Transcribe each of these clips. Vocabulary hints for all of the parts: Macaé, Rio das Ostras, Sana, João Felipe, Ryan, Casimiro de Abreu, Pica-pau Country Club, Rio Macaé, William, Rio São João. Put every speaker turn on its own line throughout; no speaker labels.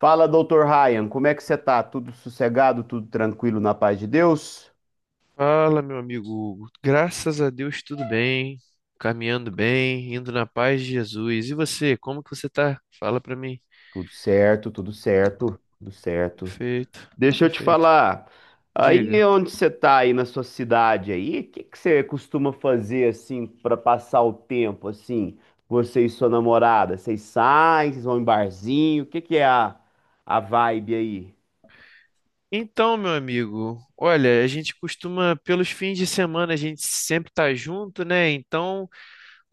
Fala, doutor Ryan, como é que você tá? Tudo sossegado, tudo tranquilo na paz de Deus?
Fala, meu amigo Hugo. Graças a Deus, tudo bem, caminhando bem, indo na paz de Jesus. E você, como que você tá? Fala pra mim.
Tudo certo, tudo certo, tudo certo.
Perfeito,
Deixa eu te
perfeito.
falar, aí
Diga.
onde você tá aí na sua cidade aí, o que que você costuma fazer assim pra passar o tempo assim, você e sua namorada? Vocês saem, vocês vão em barzinho, o que que é a vibe aí?
Então, meu amigo, olha, a gente costuma, pelos fins de semana, a gente sempre tá junto, né? Então,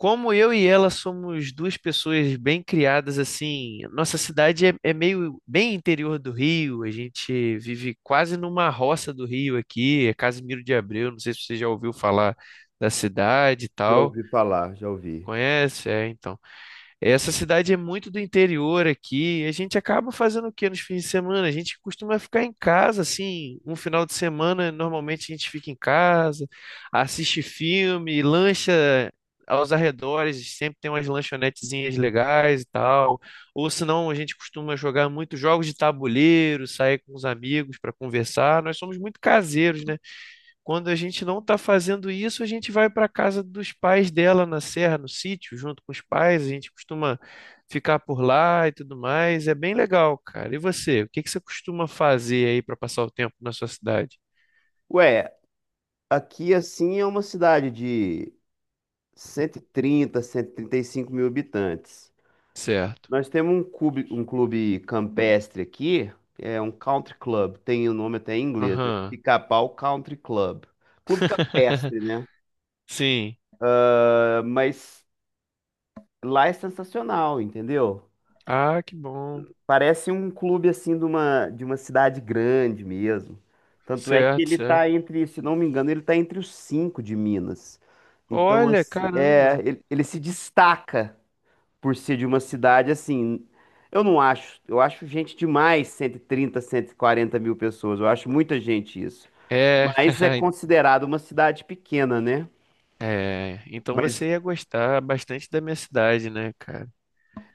como eu e ela somos duas pessoas bem criadas, assim, nossa cidade é meio bem interior do Rio, a gente vive quase numa roça do Rio aqui, é Casimiro de Abreu, não sei se você já ouviu falar da cidade e
Já
tal.
ouvi falar, já ouvi.
Conhece? É, então. Essa cidade é muito do interior aqui. A gente acaba fazendo o quê nos fins de semana? A gente costuma ficar em casa, assim, um final de semana, normalmente a gente fica em casa, assiste filme, lancha aos arredores, sempre tem umas lanchonetezinhas legais e tal. Ou senão a gente costuma jogar muito jogos de tabuleiro, sair com os amigos para conversar. Nós somos muito caseiros, né? Quando a gente não está fazendo isso, a gente vai para a casa dos pais dela na serra, no sítio, junto com os pais. A gente costuma ficar por lá e tudo mais. É bem legal, cara. E você? O que que você costuma fazer aí para passar o tempo na sua cidade?
Ué, aqui assim é uma cidade de cento cento trinta, trinta e trinta e cinco mil habitantes.
Certo.
Nós temos um clube campestre aqui, é um country club, tem o nome até em inglês, né?
Aham.
Pica-pau Country Club. Clube campestre, né?
Sim.
Ah, mas lá é sensacional, entendeu?
Ah, que bom.
Parece um clube assim de uma cidade grande mesmo. Tanto é que
Certo,
ele
certo.
tá entre, se não me engano, ele tá entre os cinco de Minas. Então,
Olha,
assim, é,
caramba.
ele se destaca por ser de uma cidade assim. Eu não acho, eu acho gente demais, 130, 140 mil pessoas. Eu acho muita gente isso.
É,
Mas é considerado uma cidade pequena, né?
é. Então
Mas,
você ia gostar bastante da minha cidade, né, cara?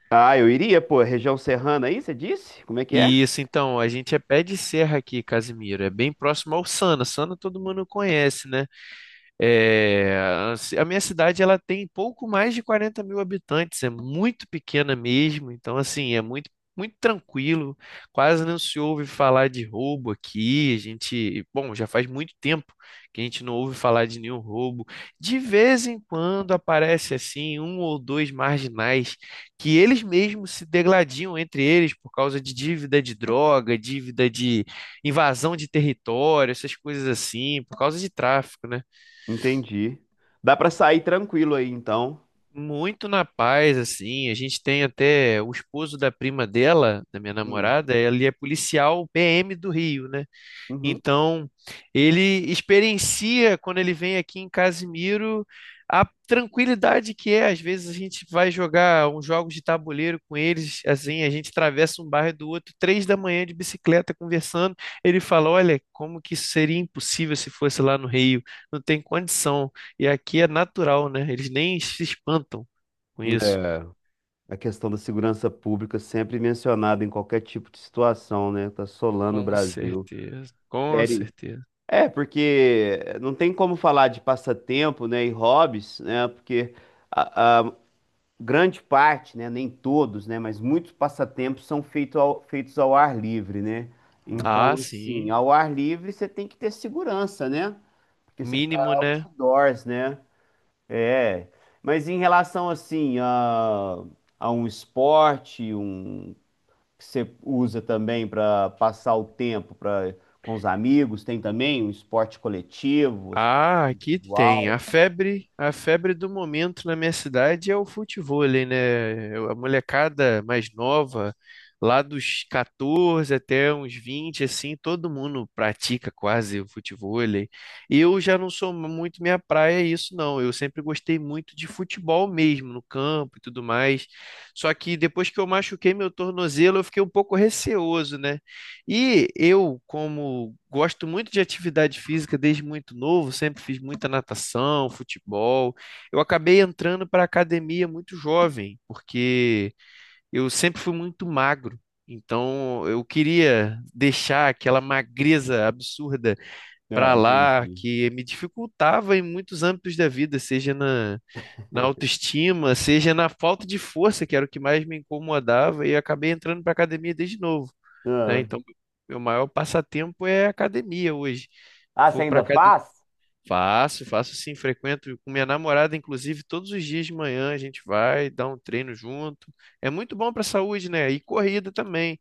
ah, eu iria, pô, região serrana aí, você disse? Como é que é?
Isso, então, a gente é pé de serra aqui, Casimiro. É bem próximo ao Sana. Sana todo mundo conhece, né? É, a minha cidade ela tem pouco mais de 40 mil habitantes, é muito pequena mesmo, então assim, é muito, muito tranquilo, quase não se ouve falar de roubo aqui. A gente, bom, já faz muito tempo que a gente não ouve falar de nenhum roubo. De vez em quando aparece assim um ou dois marginais que eles mesmos se degladiam entre eles por causa de dívida de droga, dívida de invasão de território, essas coisas assim, por causa de tráfico, né?
Entendi. Dá pra sair tranquilo aí, então.
Muito na paz, assim. A gente tem até o esposo da prima dela, da minha
Hum,
namorada, ele é policial PM do Rio, né?
uhum.
Então, ele experiencia, quando ele vem aqui em Casimiro, a tranquilidade que é. Às vezes a gente vai jogar uns jogos de tabuleiro com eles, assim, a gente atravessa um bairro do outro, 3 da manhã de bicicleta conversando. Ele fala: Olha, como que isso seria impossível se fosse lá no Rio? Não tem condição. E aqui é natural, né? Eles nem se espantam com isso.
É, a questão da segurança pública sempre mencionada em qualquer tipo de situação, né? Tá assolando o
Com
Brasil.
certeza, com
Fere,
certeza.
é, porque não tem como falar de passatempo, né, e hobbies, né, porque a grande parte, né, nem todos, né, mas muitos passatempos são feitos ao ar livre, né?
Ah,
Então, assim,
sim.
ao ar livre você tem que ter segurança, né? Porque você tá
Mínimo, né?
outdoors, né? É. Mas em relação, assim, a um esporte, um que você usa também para passar o tempo, para com os amigos, tem também um esporte coletivo.
Ah, aqui tem.
Uau.
A febre do momento na minha cidade é o futevôlei, né? A molecada mais nova, lá dos 14 até uns 20, assim, todo mundo pratica quase o futevôlei. Eu já não sou muito minha praia isso, não. Eu sempre gostei muito de futebol mesmo, no campo e tudo mais. Só que depois que eu machuquei meu tornozelo, eu fiquei um pouco receoso, né? E eu, como gosto muito de atividade física desde muito novo, sempre fiz muita natação, futebol. Eu acabei entrando para a academia muito jovem, porque eu sempre fui muito magro. Então, eu queria deixar aquela magreza absurda
Ah,
para lá,
entendi.
que me dificultava em muitos âmbitos da vida, seja na, na autoestima, seja na falta de força, que era o que mais me incomodava, e eu acabei entrando para a academia desde novo, né?
Ah,
Então, meu maior passatempo é academia hoje.
ah, você
Vou para
ainda
academia.
faz?
Faço, faço sim, frequento com minha namorada, inclusive, todos os dias de manhã a gente vai dar um treino junto. É muito bom para a saúde, né? E corrida também.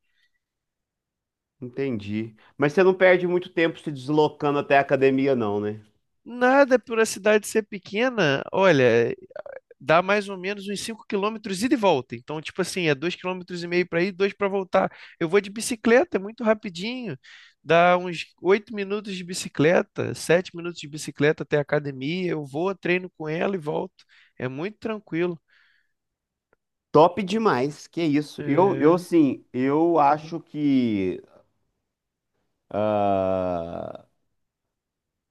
Entendi. Mas você não perde muito tempo se deslocando até a academia, não, né?
Nada por a cidade ser pequena, olha, dá mais ou menos uns 5 quilômetros ida e volta. Então, tipo assim, é 2,5 quilômetros para ir, 2 para voltar. Eu vou de bicicleta, é muito rapidinho. Dá uns 8 minutos de bicicleta, 7 minutos de bicicleta até a academia. Eu vou, treino com ela e volto. É muito tranquilo.
Top demais, que isso. Eu
É,
sim, eu acho que ah,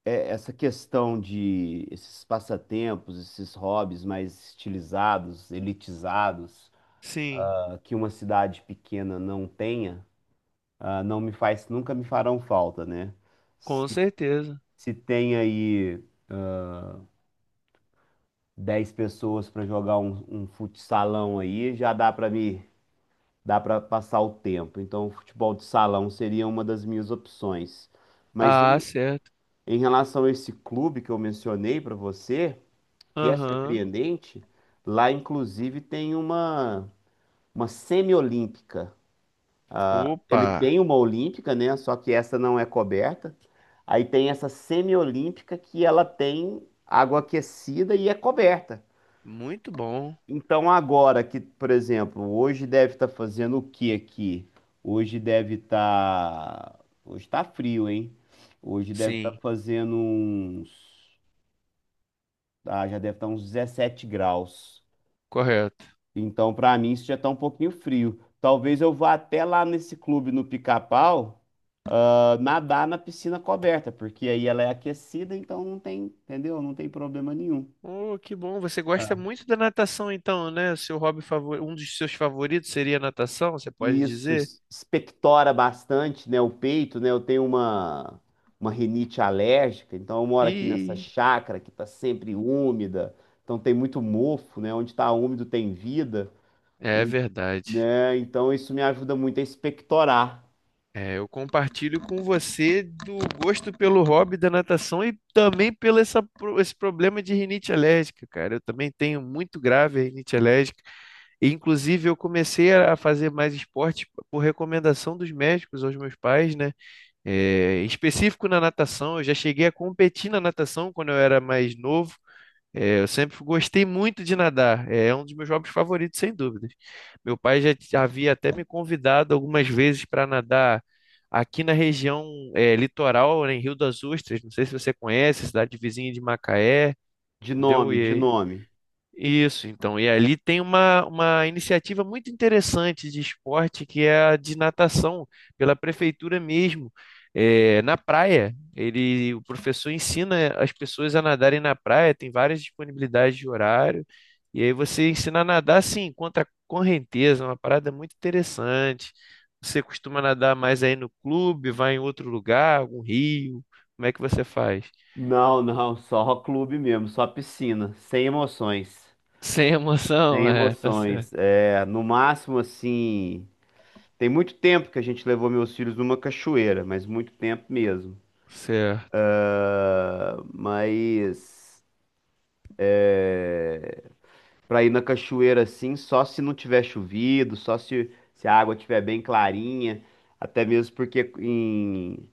essa questão de esses passatempos, esses hobbies mais estilizados, elitizados,
sim,
ah, que uma cidade pequena não tenha, ah, não me faz, nunca me farão falta, né?
com
Se,
certeza.
se tem aí 10 pessoas para jogar um futsalão aí, já dá para me dá para passar o tempo. Então, o futebol de salão seria uma das minhas opções. Mas
Ah,
em,
certo.
em relação a esse clube que eu mencionei para você, que é
Aham.
surpreendente, lá inclusive tem uma semi-olímpica. Ah,
Opa,
ele tem uma olímpica, né? Só que essa não é coberta. Aí tem essa semi-olímpica que ela tem água aquecida e é coberta.
muito bom.
Então, agora que, por exemplo, hoje deve estar fazendo o que aqui? Hoje deve estar. Hoje está frio, hein? Hoje deve estar
Sim,
fazendo uns. Ah, já deve estar uns 17 graus.
correto.
Então, para mim, isso já está um pouquinho frio. Talvez eu vá até lá nesse clube no Pica-Pau, ah, nadar na piscina coberta, porque aí ela é aquecida, então não tem, entendeu? Não tem problema nenhum.
Oh, que bom. Você gosta muito da natação, então, né? O seu hobby favor... um dos seus favoritos seria a natação, você pode
Isso
dizer?
expectora bastante, né, o peito, né? Eu tenho uma rinite alérgica, então eu moro aqui nessa
E
chácara que está sempre úmida, então tem muito mofo, né? Onde está úmido tem vida,
é
e-
verdade.
né? Então isso me ajuda muito a expectorar.
É, eu compartilho com você do gosto pelo hobby da natação e também pelo essa, esse problema de rinite alérgica, cara. Eu também tenho muito grave a rinite alérgica. E, inclusive, eu comecei a fazer mais esporte por recomendação dos médicos aos meus pais, né? É, em específico na natação, eu já cheguei a competir na natação quando eu era mais novo. É, eu sempre gostei muito de nadar, é um dos meus hobbies favoritos, sem dúvidas. Meu pai já havia até me convidado algumas vezes para nadar aqui na região é, litoral, né, em Rio das Ostras. Não sei se você conhece, cidade vizinha de Macaé,
De
entendeu?
nome, de nome.
Isso, então. E ali tem uma iniciativa muito interessante de esporte, que é a de natação, pela prefeitura mesmo. É, na praia, ele, o professor ensina as pessoas a nadarem na praia, tem várias disponibilidades de horário, e aí você ensina a nadar assim, contra a correnteza, uma parada muito interessante. Você costuma nadar mais aí no clube, vai em outro lugar, algum rio? Como é que você faz?
Não, não, só clube mesmo, só piscina, sem emoções.
Sem
Sem
emoção, é, tá certo.
emoções. É, no máximo assim, tem muito tempo que a gente levou meus filhos numa cachoeira, mas muito tempo mesmo.
Certo.
Mas pra ir na cachoeira assim, só se não tiver chovido, só se, se a água tiver bem clarinha, até mesmo porque em...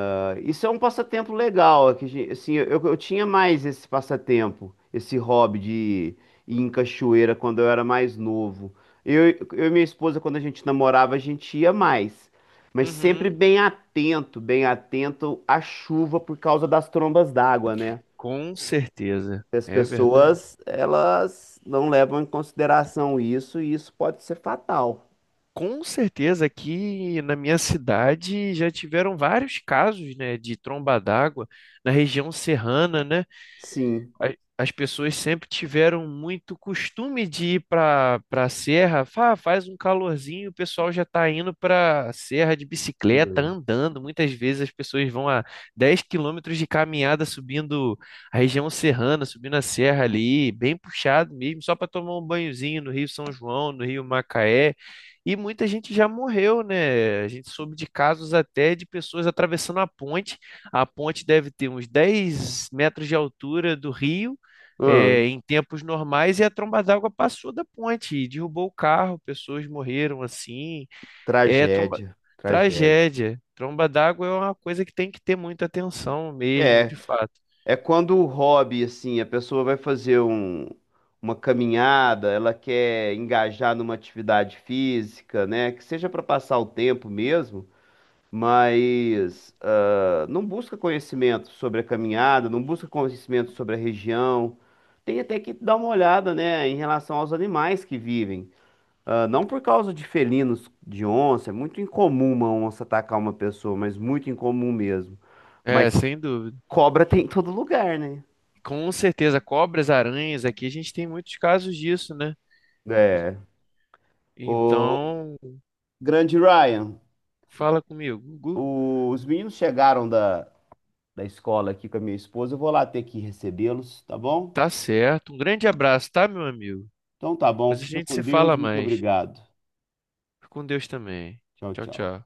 ah, isso é um passatempo legal, é que, assim, eu tinha mais esse passatempo, esse hobby de ir em cachoeira quando eu era mais novo. Eu e minha esposa, quando a gente namorava, a gente ia mais, mas sempre
Uhum.
bem atento à chuva por causa das trombas d'água, né?
Com certeza,
As
é verdade.
pessoas, elas não levam em consideração isso e isso pode ser fatal.
Com certeza aqui na minha cidade já tiveram vários casos, né, de tromba d'água na região serrana, né?
Sim.
a- As pessoas sempre tiveram muito costume de ir para para serra. Faz um calorzinho, o pessoal já está indo para a serra de bicicleta,
Hum.
andando. Muitas vezes as pessoas vão a 10 quilômetros de caminhada subindo a região serrana, subindo a serra ali, bem puxado mesmo, só para tomar um banhozinho no Rio São João, no Rio Macaé. E muita gente já morreu, né? A gente soube de casos até de pessoas atravessando a ponte, a ponte deve ter uns 10 metros de altura do rio, é,
Hum,
em tempos normais, e a tromba d'água passou da ponte, e derrubou o carro, pessoas morreram assim. É tromba...
tragédia, tragédia.
Tragédia. Tromba d'água é uma coisa que tem que ter muita atenção mesmo,
É,
de fato.
é quando o hobby, assim, a pessoa vai fazer um, uma caminhada, ela quer engajar numa atividade física, né? Que seja para passar o tempo mesmo, mas não busca conhecimento sobre a caminhada, não busca conhecimento sobre a região. Tem até que dar uma olhada, né, em relação aos animais que vivem. Ah, não por causa de felinos, de onça, é muito incomum uma onça atacar uma pessoa, mas muito incomum mesmo.
É,
Mas
sem dúvida.
cobra tem em todo lugar, né?
Com certeza, cobras, aranhas, aqui a gente tem muitos casos disso, né?
É. O
Então,
grande Ryan,
fala comigo, Gugu.
os meninos chegaram da escola aqui com a minha esposa. Eu vou lá ter que recebê-los, tá bom?
Tá certo. Um grande abraço, tá, meu amigo?
Então tá bom,
Depois a
fica
gente
com
se
Deus,
fala
muito
mais.
obrigado.
Fica com Deus também.
Tchau,
Tchau,
tchau.
tchau.